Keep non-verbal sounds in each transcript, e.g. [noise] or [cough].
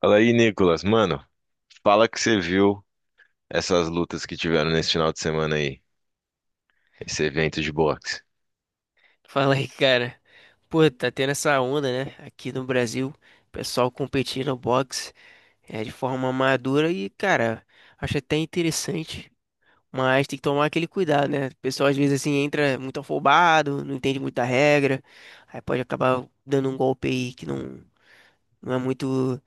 Fala aí, Nicolas. Mano, fala que você viu essas lutas que tiveram nesse final de semana aí, esse evento de boxe. Fala aí, cara. Pô, tá tendo essa onda, né? Aqui no Brasil, o pessoal competindo no boxe de forma madura e, cara, acho até interessante, mas tem que tomar aquele cuidado, né? O pessoal às vezes assim entra muito afobado, não entende muita regra, aí pode acabar dando um golpe aí que não, não é muito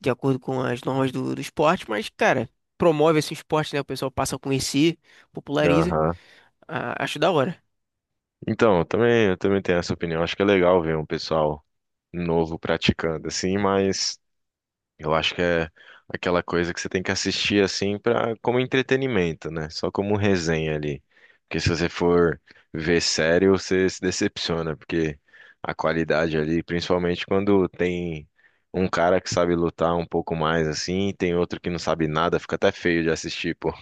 de acordo com as normas do esporte, mas, cara, promove esse esporte, né? O pessoal passa a conhecer, populariza. Aham. Ah, acho da hora. Então, eu também tenho essa opinião. Acho que é legal ver um pessoal novo praticando, assim, mas Eu acho que é aquela coisa que você tem que assistir assim para como entretenimento, né? Só como resenha ali. Porque se você for ver sério, você se decepciona, porque a qualidade ali, principalmente quando tem um cara que sabe lutar um pouco mais assim, e tem outro que não sabe nada, fica até feio de assistir, pô.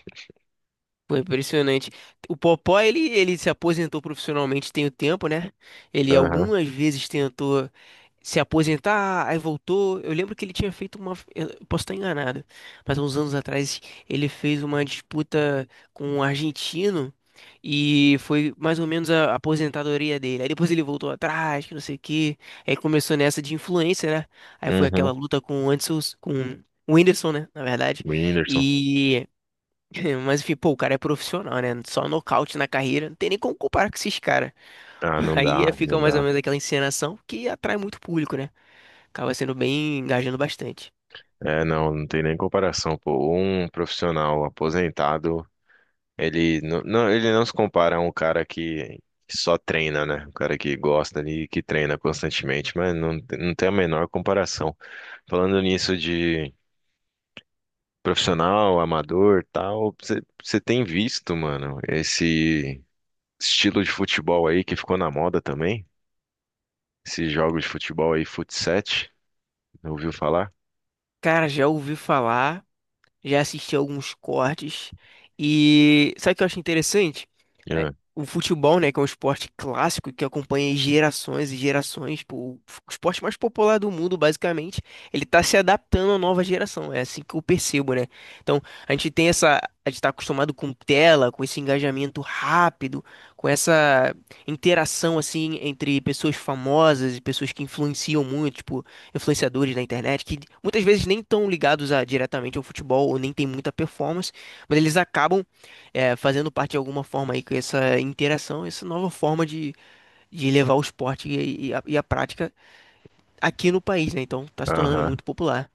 Pô, impressionante. O Popó, ele se aposentou profissionalmente tem o tempo, né? Ele Aham. algumas vezes tentou se aposentar, aí voltou. Eu lembro que ele tinha feito uma. Eu posso estar enganado, mas uns anos atrás ele fez uma disputa com um argentino e foi mais ou menos a aposentadoria dele. Aí depois ele voltou atrás, que não sei o quê. Aí começou nessa de influência, né? Aí foi aquela Uhum. luta com o Anderson, com o Whindersson, né? Na verdade. Whindersson. e [laughs] Mas enfim, pô, o cara é profissional, né? Só nocaute na carreira, não tem nem como comparar com esses caras. Ah, [laughs] não dá, Fica não mais ou dá. menos aquela encenação que atrai muito público, né? Acaba sendo bem engajando bastante. É, não, não tem nem comparação, pô. Um profissional aposentado. Ele não se compara a um cara que só treina, né? Um cara que gosta ali e que treina constantemente, mas não tem a menor comparação. Falando nisso de profissional, amador, tal, você tem visto, mano, esse estilo de futebol aí que ficou na moda também? Esses jogos de futebol aí, fut ouviu falar? Cara, já ouvi falar. Já assisti alguns cortes e sabe o que eu acho interessante? É, Yeah. o futebol, né, que é um esporte clássico que acompanha gerações e gerações, pô, o esporte mais popular do mundo, basicamente, ele tá se adaptando à nova geração, é assim que eu percebo, né? Então, a gente tem essa, a gente tá acostumado com tela, com esse engajamento rápido, com essa interação assim entre pessoas famosas e pessoas que influenciam muito, tipo influenciadores na internet que muitas vezes nem estão ligados a, diretamente ao futebol ou nem tem muita performance, mas eles acabam fazendo parte de alguma forma aí com essa interação, essa nova forma de levar o esporte e a prática aqui no país, né? Então tá se tornando Aham. muito popular.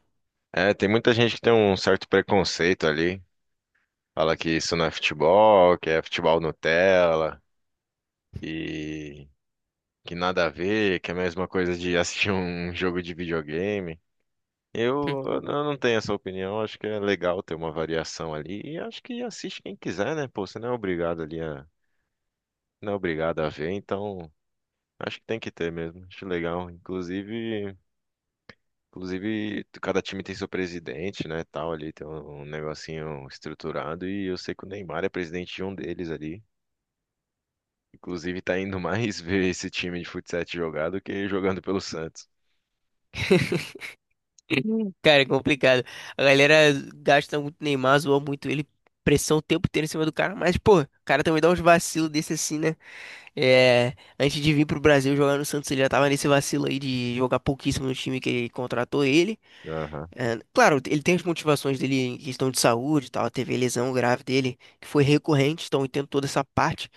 É, tem muita gente que tem um certo preconceito ali. Fala que isso não é futebol, que é futebol Nutella. E que nada a ver, que é a mesma coisa de assistir um jogo de videogame. Eu, [laughs] eu não tenho essa opinião, acho que é legal ter uma variação ali e acho que assiste quem quiser, né? Pô, você não é obrigado ali a, não é obrigado a ver, então acho que tem que ter mesmo. Acho legal, inclusive cada time tem seu presidente, né, tal ali, tem um, um negocinho estruturado e eu sei que o Neymar é presidente de um deles ali. Inclusive tá indo [laughs] mais ver esse time de futsal jogar do que jogando pelo Santos. Cara, é complicado. A galera gasta muito Neymar, zoa muito ele, pressão o tempo inteiro em cima do cara, mas pô, o cara também dá uns vacilos desse assim, né? Antes de vir pro Brasil jogar no Santos, ele já tava nesse vacilo aí de jogar pouquíssimo no time que contratou ele. Aham. Claro, ele tem as motivações dele em questão de saúde e tal, teve a lesão grave dele, que foi recorrente, então eu entendo toda essa parte,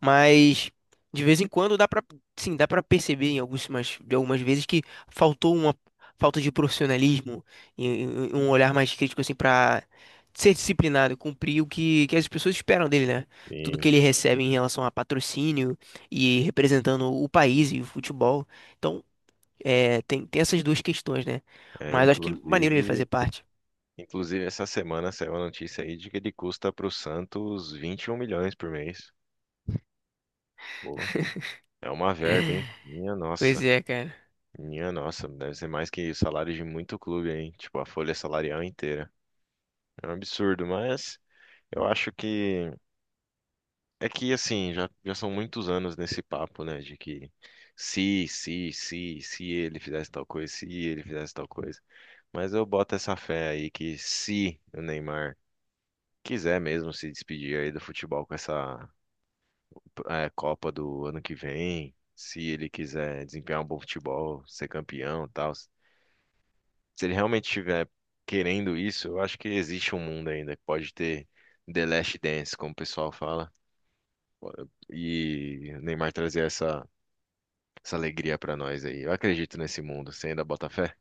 mas de vez em quando dá pra, sim, dá pra perceber em algumas, de algumas vezes que faltou uma falta de profissionalismo e- e um olhar mais crítico assim pra ser disciplinado, cumprir o que, que as pessoas esperam dele, né? Tudo Sim. que ele recebe em relação a patrocínio e representando o país e o futebol. Então, tem essas duas questões, né? É, Mas acho que é maneiro ele inclusive, fazer parte. inclusive essa semana saiu a notícia aí de que ele custa para o Santos 21 milhões por mês. Pô, é uma verba, hein? Pois é, cara. Minha nossa, deve ser mais que salário de muito clube, hein? Tipo, a folha salarial inteira. É um absurdo, mas eu acho que é que assim, já são muitos anos nesse papo, né? De que se ele fizesse tal coisa, se ele fizesse tal coisa. Mas eu boto essa fé aí que se o Neymar quiser mesmo se despedir aí do futebol com essa Copa do ano que vem, se ele quiser desempenhar um bom futebol, ser campeão, e tal, se ele realmente estiver querendo isso, eu acho que existe um mundo ainda que pode ter The Last Dance, como o pessoal fala, e o Neymar trazer essa alegria pra nós aí. Eu acredito nesse mundo, você ainda bota fé?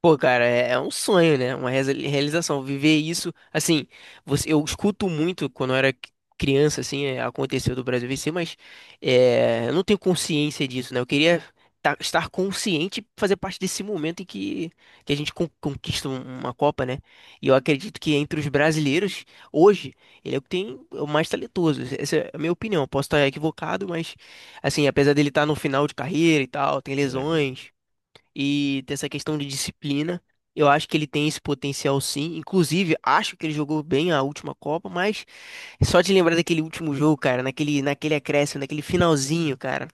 Pô, cara, é um sonho, né? Uma realização. Viver isso, assim, você, eu escuto muito quando eu era criança, assim, aconteceu do Brasil vencer, mas eu não tenho consciência disso, né? Eu queria estar consciente e fazer parte desse momento em que a gente conquista uma Copa, né? E eu acredito que entre os brasileiros, hoje, ele é o que tem o mais talentoso. Essa é a minha opinião. Posso estar equivocado, mas, assim, apesar dele estar no final de carreira e tal, tem Uhum. lesões e dessa questão de disciplina. Eu acho que ele tem esse potencial sim. Inclusive, acho que ele jogou bem a última Copa, mas só de lembrar daquele último jogo, cara, naquele, naquele acréscimo, naquele finalzinho, cara,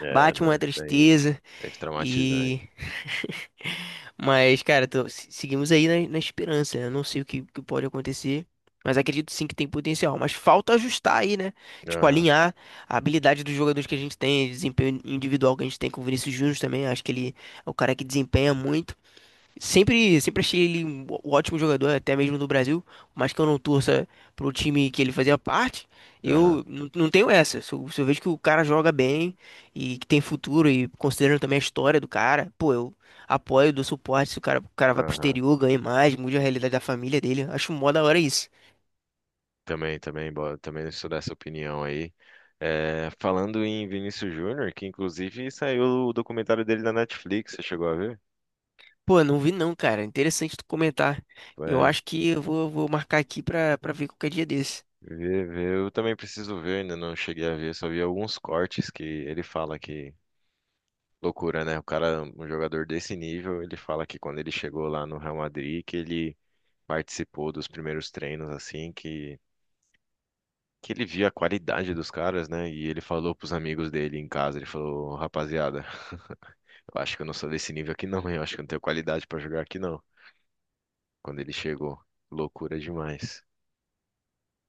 É, bate não, uma isso daí tristeza. deve traumatizar. E. [laughs] Mas, cara, seguimos aí na, na esperança, né? Eu não sei o que, que pode acontecer, mas acredito sim que tem potencial. Mas falta ajustar aí, né? Tipo, Aham, alinhar a habilidade dos jogadores que a gente tem, desempenho individual que a gente tem com o Vinícius Júnior também. Acho que ele é o cara que desempenha muito. Sempre achei ele um um ótimo jogador, até mesmo no Brasil, mas que eu não torça pro time que ele fazia parte, aham, eu não tenho essa. Se eu vejo que o cara joga bem e que tem futuro, e considerando também a história do cara, pô, eu apoio, dou suporte. Se o cara, o cara vai pro aham. exterior, ganha mais, mude a realidade da família dele, acho mó da hora isso. Também, também, também sou dessa opinião aí. É, falando em Vinícius Júnior, que inclusive saiu o documentário dele na Netflix, você chegou a ver? Pô, não vi não, cara. Interessante tu comentar. Eu É, acho que eu vou marcar aqui pra, pra ver qualquer dia desse. vê, vê. Eu também preciso ver, ainda não cheguei a ver, só vi alguns cortes que ele fala que loucura, né? O cara, um jogador desse nível, ele fala que quando ele chegou lá no Real Madrid, que ele participou dos primeiros treinos, assim, que ele via a qualidade dos caras, né? E ele falou pros amigos dele em casa, ele falou, rapaziada. Eu acho que eu não sou desse nível aqui, [laughs] não, hein? Eu acho que eu não tenho qualidade pra jogar aqui, não. Quando ele chegou, loucura demais.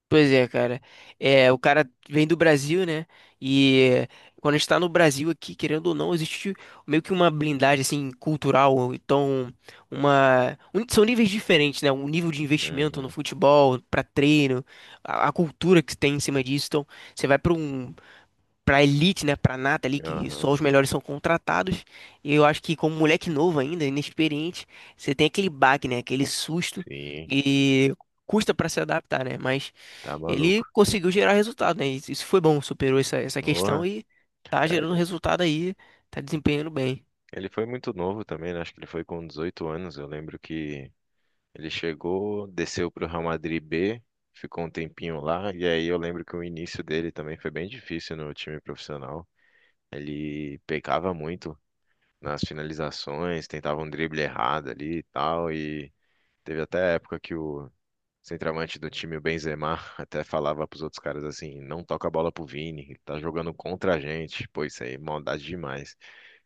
Pois é, cara. É, o cara vem do Brasil, né? E quando a gente tá no Brasil aqui, querendo ou não, existe meio que uma blindagem assim cultural, ou então uma são níveis diferentes, né? O nível de investimento no Uhum, futebol, pra treino, a cultura que tem em cima disso. Então, você vai pra um pra elite, né, pra nata ali, que aham, só os melhores são contratados. E eu acho que como moleque novo ainda, inexperiente, você tem aquele baque, né, aquele susto sim, e custa pra se adaptar, né? Mas tá ele maluco. conseguiu gerar resultado, né? Isso foi bom, superou essa, essa questão Porra, e tá gerando é, resultado aí, tá desempenhando bem. ele foi muito novo também, né? Acho que ele foi com 18 anos. Eu lembro que ele chegou, desceu pro Real Madrid B, ficou um tempinho lá, e aí eu lembro que o início dele também foi bem difícil no time profissional. Ele pecava muito nas finalizações, tentava um drible errado ali e tal, e teve até a época que o centroavante do time, o Benzema, até falava pros outros caras assim, não toca a bola pro Vini, ele tá jogando contra a gente. Pô, isso aí é maldade demais.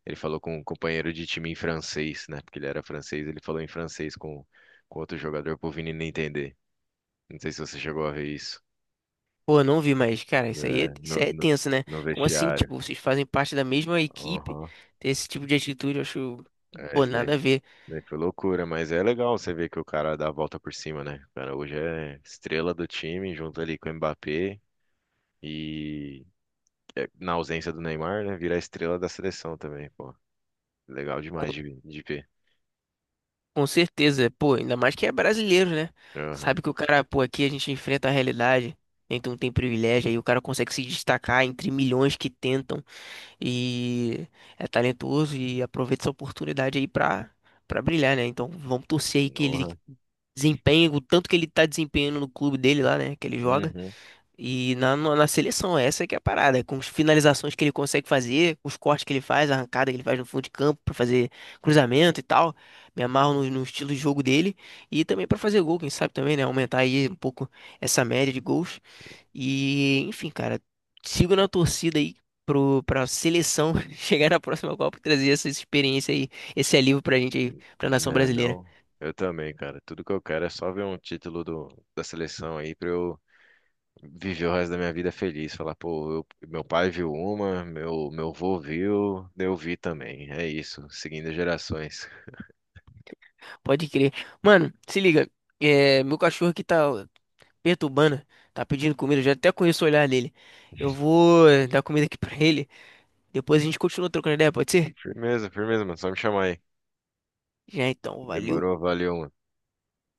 Ele falou com um companheiro de time em francês, né? Porque ele era francês, ele falou em francês com outro jogador pro Vini não entender. Não sei se você chegou a ver isso. Pô, eu não vi, mas, cara, É, isso aí é tenso, né? no Como assim, vestiário. tipo, vocês fazem parte da mesma equipe, Aham. ter esse tipo de atitude, eu acho, É, pô, isso daí, nada a ver. daí foi loucura, mas é legal você ver que o cara dá a volta por cima, né? O cara hoje é estrela do time, junto ali com o Mbappé. E é, na ausência do Neymar, né? Virar estrela da seleção também, pô. Legal demais de ver. Com certeza, pô, ainda mais que é brasileiro, né? Aham. Sabe que o cara, pô, aqui a gente enfrenta a realidade, né? Então tem privilégio, aí o cara consegue se destacar entre milhões que tentam e é talentoso e aproveita essa oportunidade aí pra, pra brilhar, né? Então vamos torcer aí que ele Porra. desempenhe o tanto que ele tá desempenhando no clube dele lá, né? Que ele joga. Uhum. E na, na seleção, essa que é a parada, é com as finalizações que ele consegue fazer, os cortes que ele faz, a arrancada que ele faz no fundo de campo pra fazer cruzamento e tal. Me amarro no estilo de jogo dele e também pra fazer gol, quem sabe também, né? Aumentar aí um pouco essa média de gols. E, enfim, cara, sigo na torcida aí pra seleção [laughs] chegar na próxima Copa e trazer essa experiência aí, esse alívio pra gente aí, pra nação Né, brasileira. não, eu também, cara. Tudo que eu quero é só ver um título do, da seleção aí pra eu viver o resto da minha vida feliz. Falar, pô, eu- meu pai viu uma, meu vô viu, eu vi também. É isso, seguindo gerações. Pode crer. Mano, se liga. É, meu cachorro aqui tá perturbando, tá pedindo comida, eu já até conheço o olhar dele. Eu vou dar comida aqui pra ele, depois a gente continua trocando ideia, pode ser? Firmeza, firmeza, mano. Só me chamar aí. Já então, valeu. Demorou, valeu, mano.